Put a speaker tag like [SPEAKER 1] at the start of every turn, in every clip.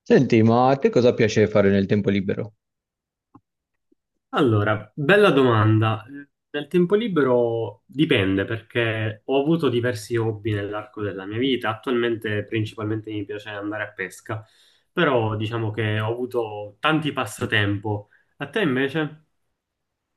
[SPEAKER 1] Senti, ma a te cosa piace fare nel tempo libero?
[SPEAKER 2] Allora, bella domanda. Nel tempo libero dipende perché ho avuto diversi hobby nell'arco della mia vita. Attualmente principalmente mi piace andare a pesca, però diciamo che ho avuto tanti passatempo. A te invece?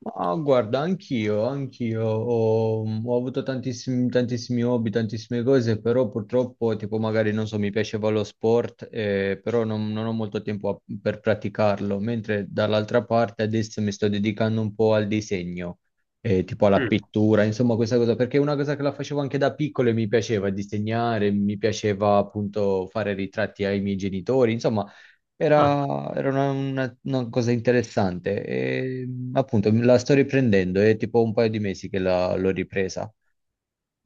[SPEAKER 1] Ma guarda, anch'io ho, ho avuto tantissimi hobby, tantissime cose, però purtroppo, tipo magari, non so, mi piaceva lo sport, però non ho molto tempo per praticarlo, mentre dall'altra parte adesso mi sto dedicando un po' al disegno, tipo alla
[SPEAKER 2] Mm.
[SPEAKER 1] pittura, insomma questa cosa, perché è una cosa che la facevo anche da piccolo e mi piaceva disegnare, mi piaceva appunto fare ritratti ai miei genitori, insomma.
[SPEAKER 2] Ah,
[SPEAKER 1] Una cosa interessante. E, appunto, la sto riprendendo, è tipo un paio di mesi che l'ho ripresa.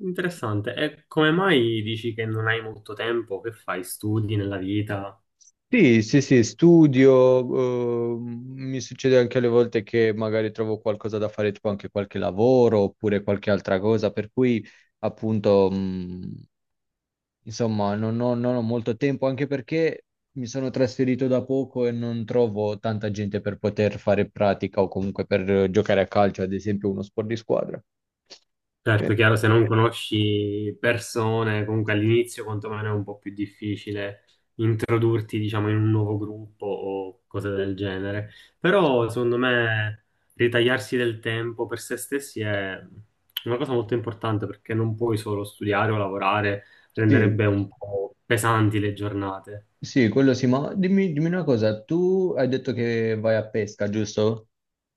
[SPEAKER 2] interessante. E come mai dici che non hai molto tempo? Che fai? Studi nella vita?
[SPEAKER 1] Sì, sì, sì, studio, mi succede anche alle volte che magari trovo qualcosa da fare, tipo anche qualche lavoro oppure qualche altra cosa, per cui appunto insomma, non ho molto tempo, anche perché mi sono trasferito da poco e non trovo tanta gente per poter fare pratica o comunque per giocare a calcio, ad esempio uno sport di squadra. Eh,
[SPEAKER 2] Certo, chiaro, se non conosci persone, comunque all'inizio quantomeno è un po' più difficile introdurti, diciamo, in un nuovo gruppo o cose del genere. Però, secondo me, ritagliarsi del tempo per se stessi è una cosa molto importante perché non puoi solo studiare o lavorare,
[SPEAKER 1] Sì,
[SPEAKER 2] renderebbe un po' pesanti le giornate.
[SPEAKER 1] sì, quello sì, ma dimmi una cosa, tu hai detto che vai a pesca, giusto?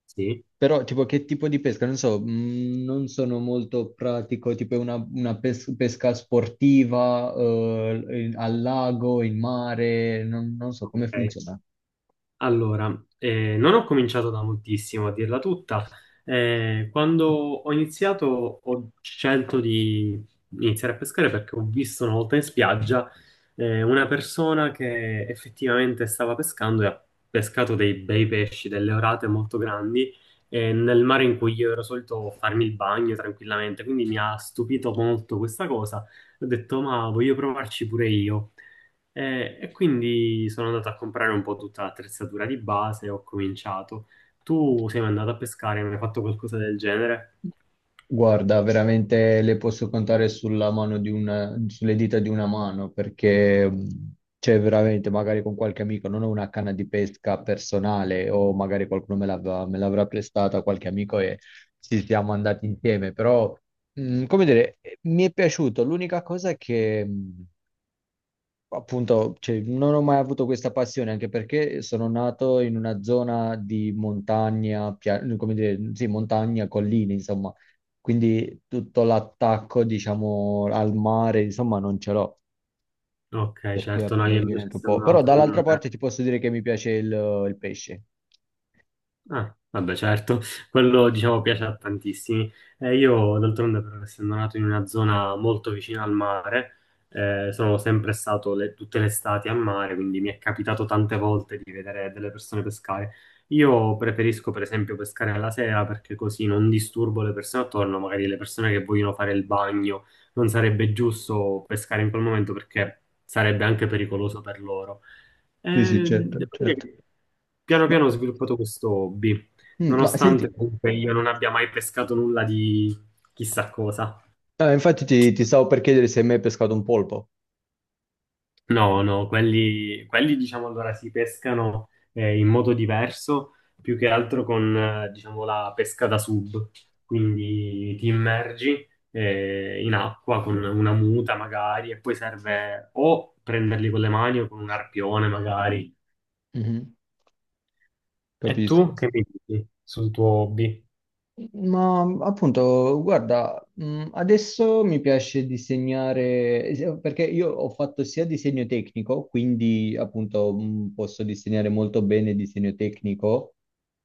[SPEAKER 2] Sì,
[SPEAKER 1] Però tipo che tipo di pesca? Non so, non sono molto pratico, tipo è una pes- pesca sportiva, al lago, in mare, non so come
[SPEAKER 2] ok.
[SPEAKER 1] funziona.
[SPEAKER 2] Allora, non ho cominciato da moltissimo, a dirla tutta. Quando ho iniziato ho scelto di iniziare a pescare perché ho visto una volta in spiaggia una persona che effettivamente stava pescando e ha pescato dei bei pesci, delle orate molto grandi, nel mare in cui io ero solito farmi il bagno tranquillamente. Quindi mi ha stupito molto questa cosa. Ho detto, ma voglio provarci pure io. E quindi sono andato a comprare un po' tutta l'attrezzatura di base e ho cominciato. Tu sei mai andato a pescare, mi hai fatto qualcosa del genere?
[SPEAKER 1] Guarda, veramente le posso contare sulla mano di una, sulle dita di una mano, perché c'è veramente, magari con qualche amico, non ho una canna di pesca personale o magari qualcuno me l'avrà prestata, qualche amico, e ci siamo andati insieme, però, come dire, mi è piaciuto. L'unica cosa è che appunto, cioè, non ho mai avuto questa passione, anche perché sono nato in una zona di montagna, come dire, sì, montagna, colline, insomma. Quindi tutto l'attacco, diciamo, al mare, insomma, non ce l'ho.
[SPEAKER 2] Ok,
[SPEAKER 1] Per cui
[SPEAKER 2] certo, no,
[SPEAKER 1] appunto mi
[SPEAKER 2] io
[SPEAKER 1] viene
[SPEAKER 2] invece
[SPEAKER 1] anche un po'.
[SPEAKER 2] sono
[SPEAKER 1] Però
[SPEAKER 2] andato.
[SPEAKER 1] dall'altra parte ti posso dire che mi piace il pesce.
[SPEAKER 2] Ah, vabbè, certo, quello diciamo piace a tantissimi. Io d'altronde, per essendo nato in una zona molto vicina al mare, sono sempre stato tutte le estati a mare, quindi mi è capitato tante volte di vedere delle persone pescare. Io preferisco, per esempio, pescare alla sera perché così non disturbo le persone attorno, magari le persone che vogliono fare il bagno. Non sarebbe giusto pescare in quel momento perché sarebbe anche pericoloso per loro.
[SPEAKER 1] Sì, sì, certo,
[SPEAKER 2] Devo dire
[SPEAKER 1] certo.
[SPEAKER 2] che piano
[SPEAKER 1] Ma,
[SPEAKER 2] piano ho sviluppato questo hobby,
[SPEAKER 1] ma
[SPEAKER 2] nonostante
[SPEAKER 1] senti,
[SPEAKER 2] comunque io non abbia mai pescato nulla di chissà cosa.
[SPEAKER 1] infatti ti stavo per chiedere se hai mai pescato un polpo.
[SPEAKER 2] No, no, quelli, diciamo allora si pescano in modo diverso, più che altro con diciamo la pesca da sub, quindi ti immergi in acqua con una muta magari e poi serve o prenderli con le mani o con un arpione magari.
[SPEAKER 1] Mhm.
[SPEAKER 2] E
[SPEAKER 1] Capisco.
[SPEAKER 2] tu che mi dici sul tuo hobby?
[SPEAKER 1] Ma appunto, guarda, adesso mi piace disegnare, perché io ho fatto sia disegno tecnico, quindi appunto posso disegnare molto bene disegno tecnico,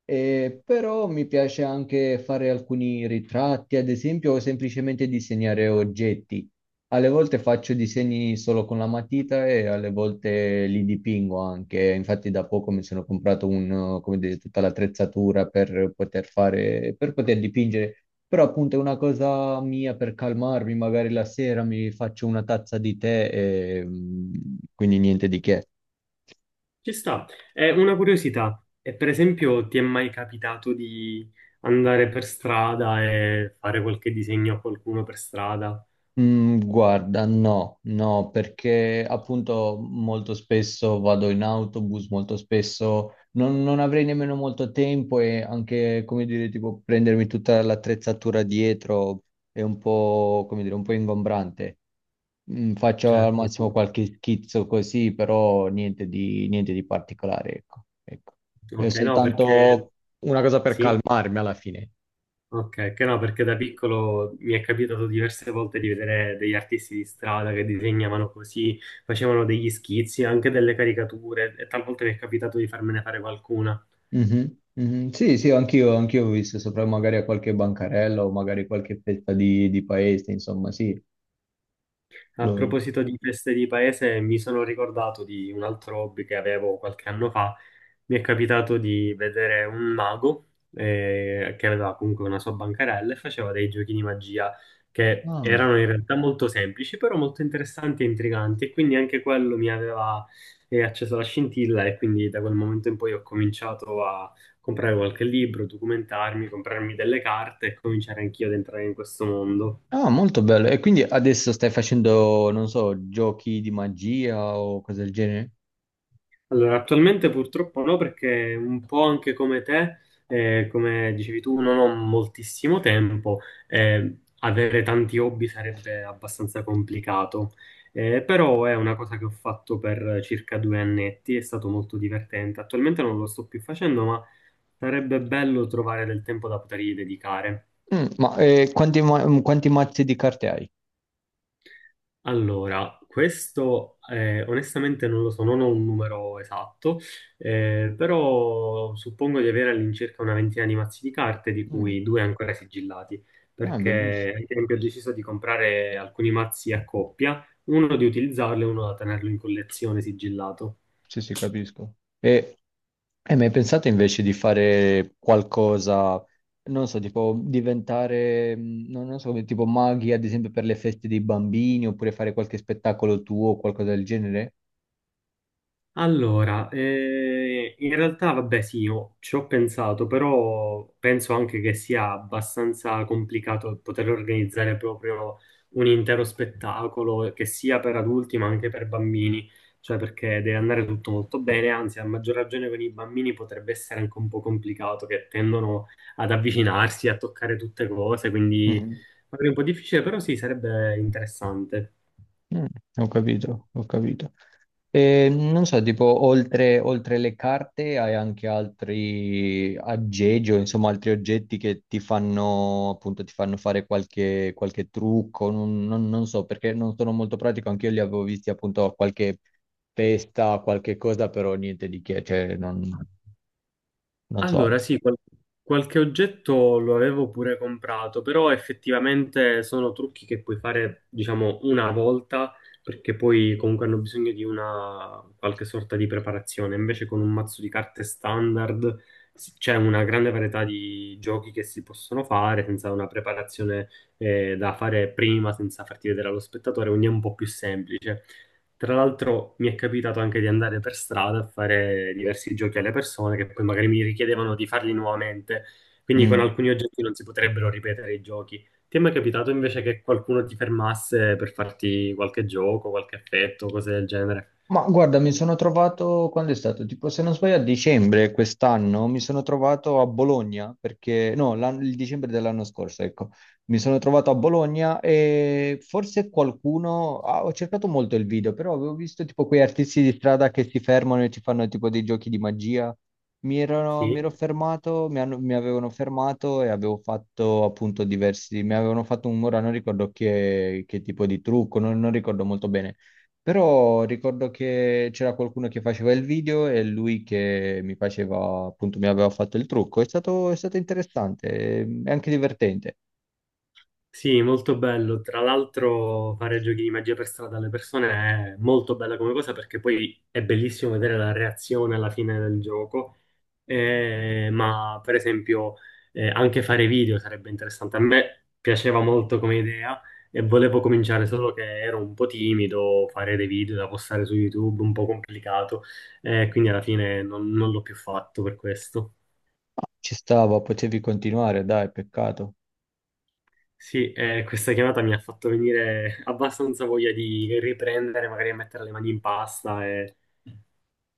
[SPEAKER 1] però mi piace anche fare alcuni ritratti, ad esempio, o semplicemente disegnare oggetti. Alle volte faccio disegni solo con la matita e alle volte li dipingo anche. Infatti da poco mi sono comprato come dire, tutta l'attrezzatura per per poter dipingere. Però appunto è una cosa mia per calmarmi, magari la sera mi faccio una tazza di tè e mm, quindi niente di che.
[SPEAKER 2] Ci sta. È una curiosità. E per esempio, ti è mai capitato di andare per strada e fare qualche disegno a qualcuno per strada?
[SPEAKER 1] Mm, guarda, no, no, perché appunto molto spesso vado in autobus, molto spesso non avrei nemmeno molto tempo, e anche, come dire, tipo prendermi tutta l'attrezzatura dietro è un po', come dire, un po' ingombrante. Mm, faccio al massimo
[SPEAKER 2] Certo.
[SPEAKER 1] qualche schizzo così, però niente di particolare, ecco, ecco. È
[SPEAKER 2] Ok, no, perché
[SPEAKER 1] soltanto una cosa per
[SPEAKER 2] sì.
[SPEAKER 1] calmarmi alla fine.
[SPEAKER 2] Ok, che no, perché da piccolo mi è capitato diverse volte di vedere degli artisti di strada che disegnavano così, facevano degli schizzi, anche delle caricature, e talvolta mi è capitato di farmene fare qualcuna.
[SPEAKER 1] Mhm, mhm. Sì, sì, anch'io ho visto sopra magari a qualche bancarella o magari qualche fetta di paese, insomma, sì.
[SPEAKER 2] A
[SPEAKER 1] Lo-
[SPEAKER 2] proposito di feste di paese, mi sono ricordato di un altro hobby che avevo qualche anno fa. Mi è capitato di vedere un mago che aveva comunque una sua bancarella e faceva dei giochi di magia che
[SPEAKER 1] ah.
[SPEAKER 2] erano in realtà molto semplici, però molto interessanti e intriganti, e quindi anche quello mi aveva acceso la scintilla e quindi da quel momento in poi ho cominciato a comprare qualche libro, documentarmi, comprarmi delle carte e cominciare anch'io ad entrare in questo mondo.
[SPEAKER 1] Ah, molto bello. E quindi adesso stai facendo, non so, giochi di magia o cose del genere?
[SPEAKER 2] Allora, attualmente purtroppo no, perché un po' anche come te, come dicevi tu, non ho moltissimo tempo, avere tanti hobby sarebbe abbastanza complicato. Però è una cosa che ho fatto per circa due annetti, è stato molto divertente. Attualmente non lo sto più facendo, ma sarebbe bello trovare del tempo da potergli dedicare.
[SPEAKER 1] Mm, ma quanti mazzi di carte hai?
[SPEAKER 2] Allora, questo onestamente non lo so, non ho un numero esatto, però suppongo di avere all'incirca una ventina di mazzi di carte, di
[SPEAKER 1] Mm,
[SPEAKER 2] cui due ancora sigillati,
[SPEAKER 1] ah, bellissimo.
[SPEAKER 2] perché ad esempio ho deciso di comprare alcuni mazzi a coppia, uno di utilizzarlo e uno da tenerlo in collezione sigillato.
[SPEAKER 1] Sì, sì, capisco. E hai mai pensato invece di fare qualcosa, non so, tipo diventare, non so, come tipo maghi, ad esempio per le feste dei bambini, oppure fare qualche spettacolo tuo o qualcosa del genere?
[SPEAKER 2] Allora, in realtà vabbè sì, io ci ho pensato, però penso anche che sia abbastanza complicato poter organizzare proprio un intero spettacolo che sia per adulti ma anche per bambini, cioè perché deve andare tutto molto bene, anzi a maggior ragione con i bambini potrebbe essere anche un po' complicato, che tendono ad avvicinarsi, a toccare tutte cose, quindi
[SPEAKER 1] Mhm.
[SPEAKER 2] magari un po' difficile, però sì, sarebbe interessante.
[SPEAKER 1] Mm, ho capito, ho capito. E, non so, tipo, oltre le carte hai anche altri aggeggi, o insomma, altri oggetti che ti fanno, appunto, ti fanno fare qualche trucco, non so, perché non sono molto pratico, anch'io li avevo visti appunto a qualche festa, qualche cosa, però niente di che, cioè, non, non so
[SPEAKER 2] Allora,
[SPEAKER 1] altro.
[SPEAKER 2] sì, qualche oggetto lo avevo pure comprato, però effettivamente sono trucchi che puoi fare, diciamo, una volta, perché poi comunque hanno bisogno di una qualche sorta di preparazione. Invece con un mazzo di carte standard c'è una grande varietà di giochi che si possono fare senza una preparazione da fare prima, senza farti vedere allo spettatore, quindi è un po' più semplice. Tra l'altro mi è capitato anche di andare per strada a fare diversi giochi alle persone che poi magari mi richiedevano di farli nuovamente, quindi con
[SPEAKER 1] Mm.
[SPEAKER 2] alcuni oggetti non si potrebbero ripetere i giochi. Ti è mai capitato invece che qualcuno ti fermasse per farti qualche gioco, qualche effetto, cose del genere?
[SPEAKER 1] Ma guarda, mi sono trovato, quando è stato? Tipo, se non sbaglio, a dicembre quest'anno mi sono trovato a Bologna, perché no, il dicembre dell'anno scorso, ecco, mi sono trovato a Bologna e forse qualcuno, ah, ho cercato molto il video, però avevo visto tipo quei artisti di strada che si fermano e ci fanno tipo dei giochi di magia.
[SPEAKER 2] Sì,
[SPEAKER 1] Mi ero fermato, mi avevano fermato, e avevo fatto appunto diversi, mi avevano fatto un, ora non ricordo che tipo di trucco, non non ricordo molto bene, però ricordo che c'era qualcuno che faceva il video e lui che mi faceva, appunto, mi aveva fatto il trucco. È stato interessante e anche divertente.
[SPEAKER 2] sì, molto bello. Tra l'altro fare giochi di magia per strada alle persone è molto bella come cosa perché poi è bellissimo vedere la reazione alla fine del gioco. Ma per esempio anche fare video sarebbe interessante. A me piaceva molto come idea e volevo cominciare, solo che ero un po' timido, fare dei video da postare su YouTube, un po' complicato, quindi alla fine non l'ho più fatto per questo.
[SPEAKER 1] Ma ci stava, potevi continuare, dai, peccato.
[SPEAKER 2] Sì, questa chiamata mi ha fatto venire abbastanza voglia di riprendere, magari a mettere le mani in pasta e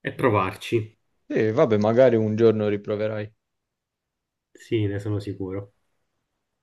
[SPEAKER 2] provarci.
[SPEAKER 1] E vabbè, magari un giorno riproverai.
[SPEAKER 2] Sì, ne sono sicuro.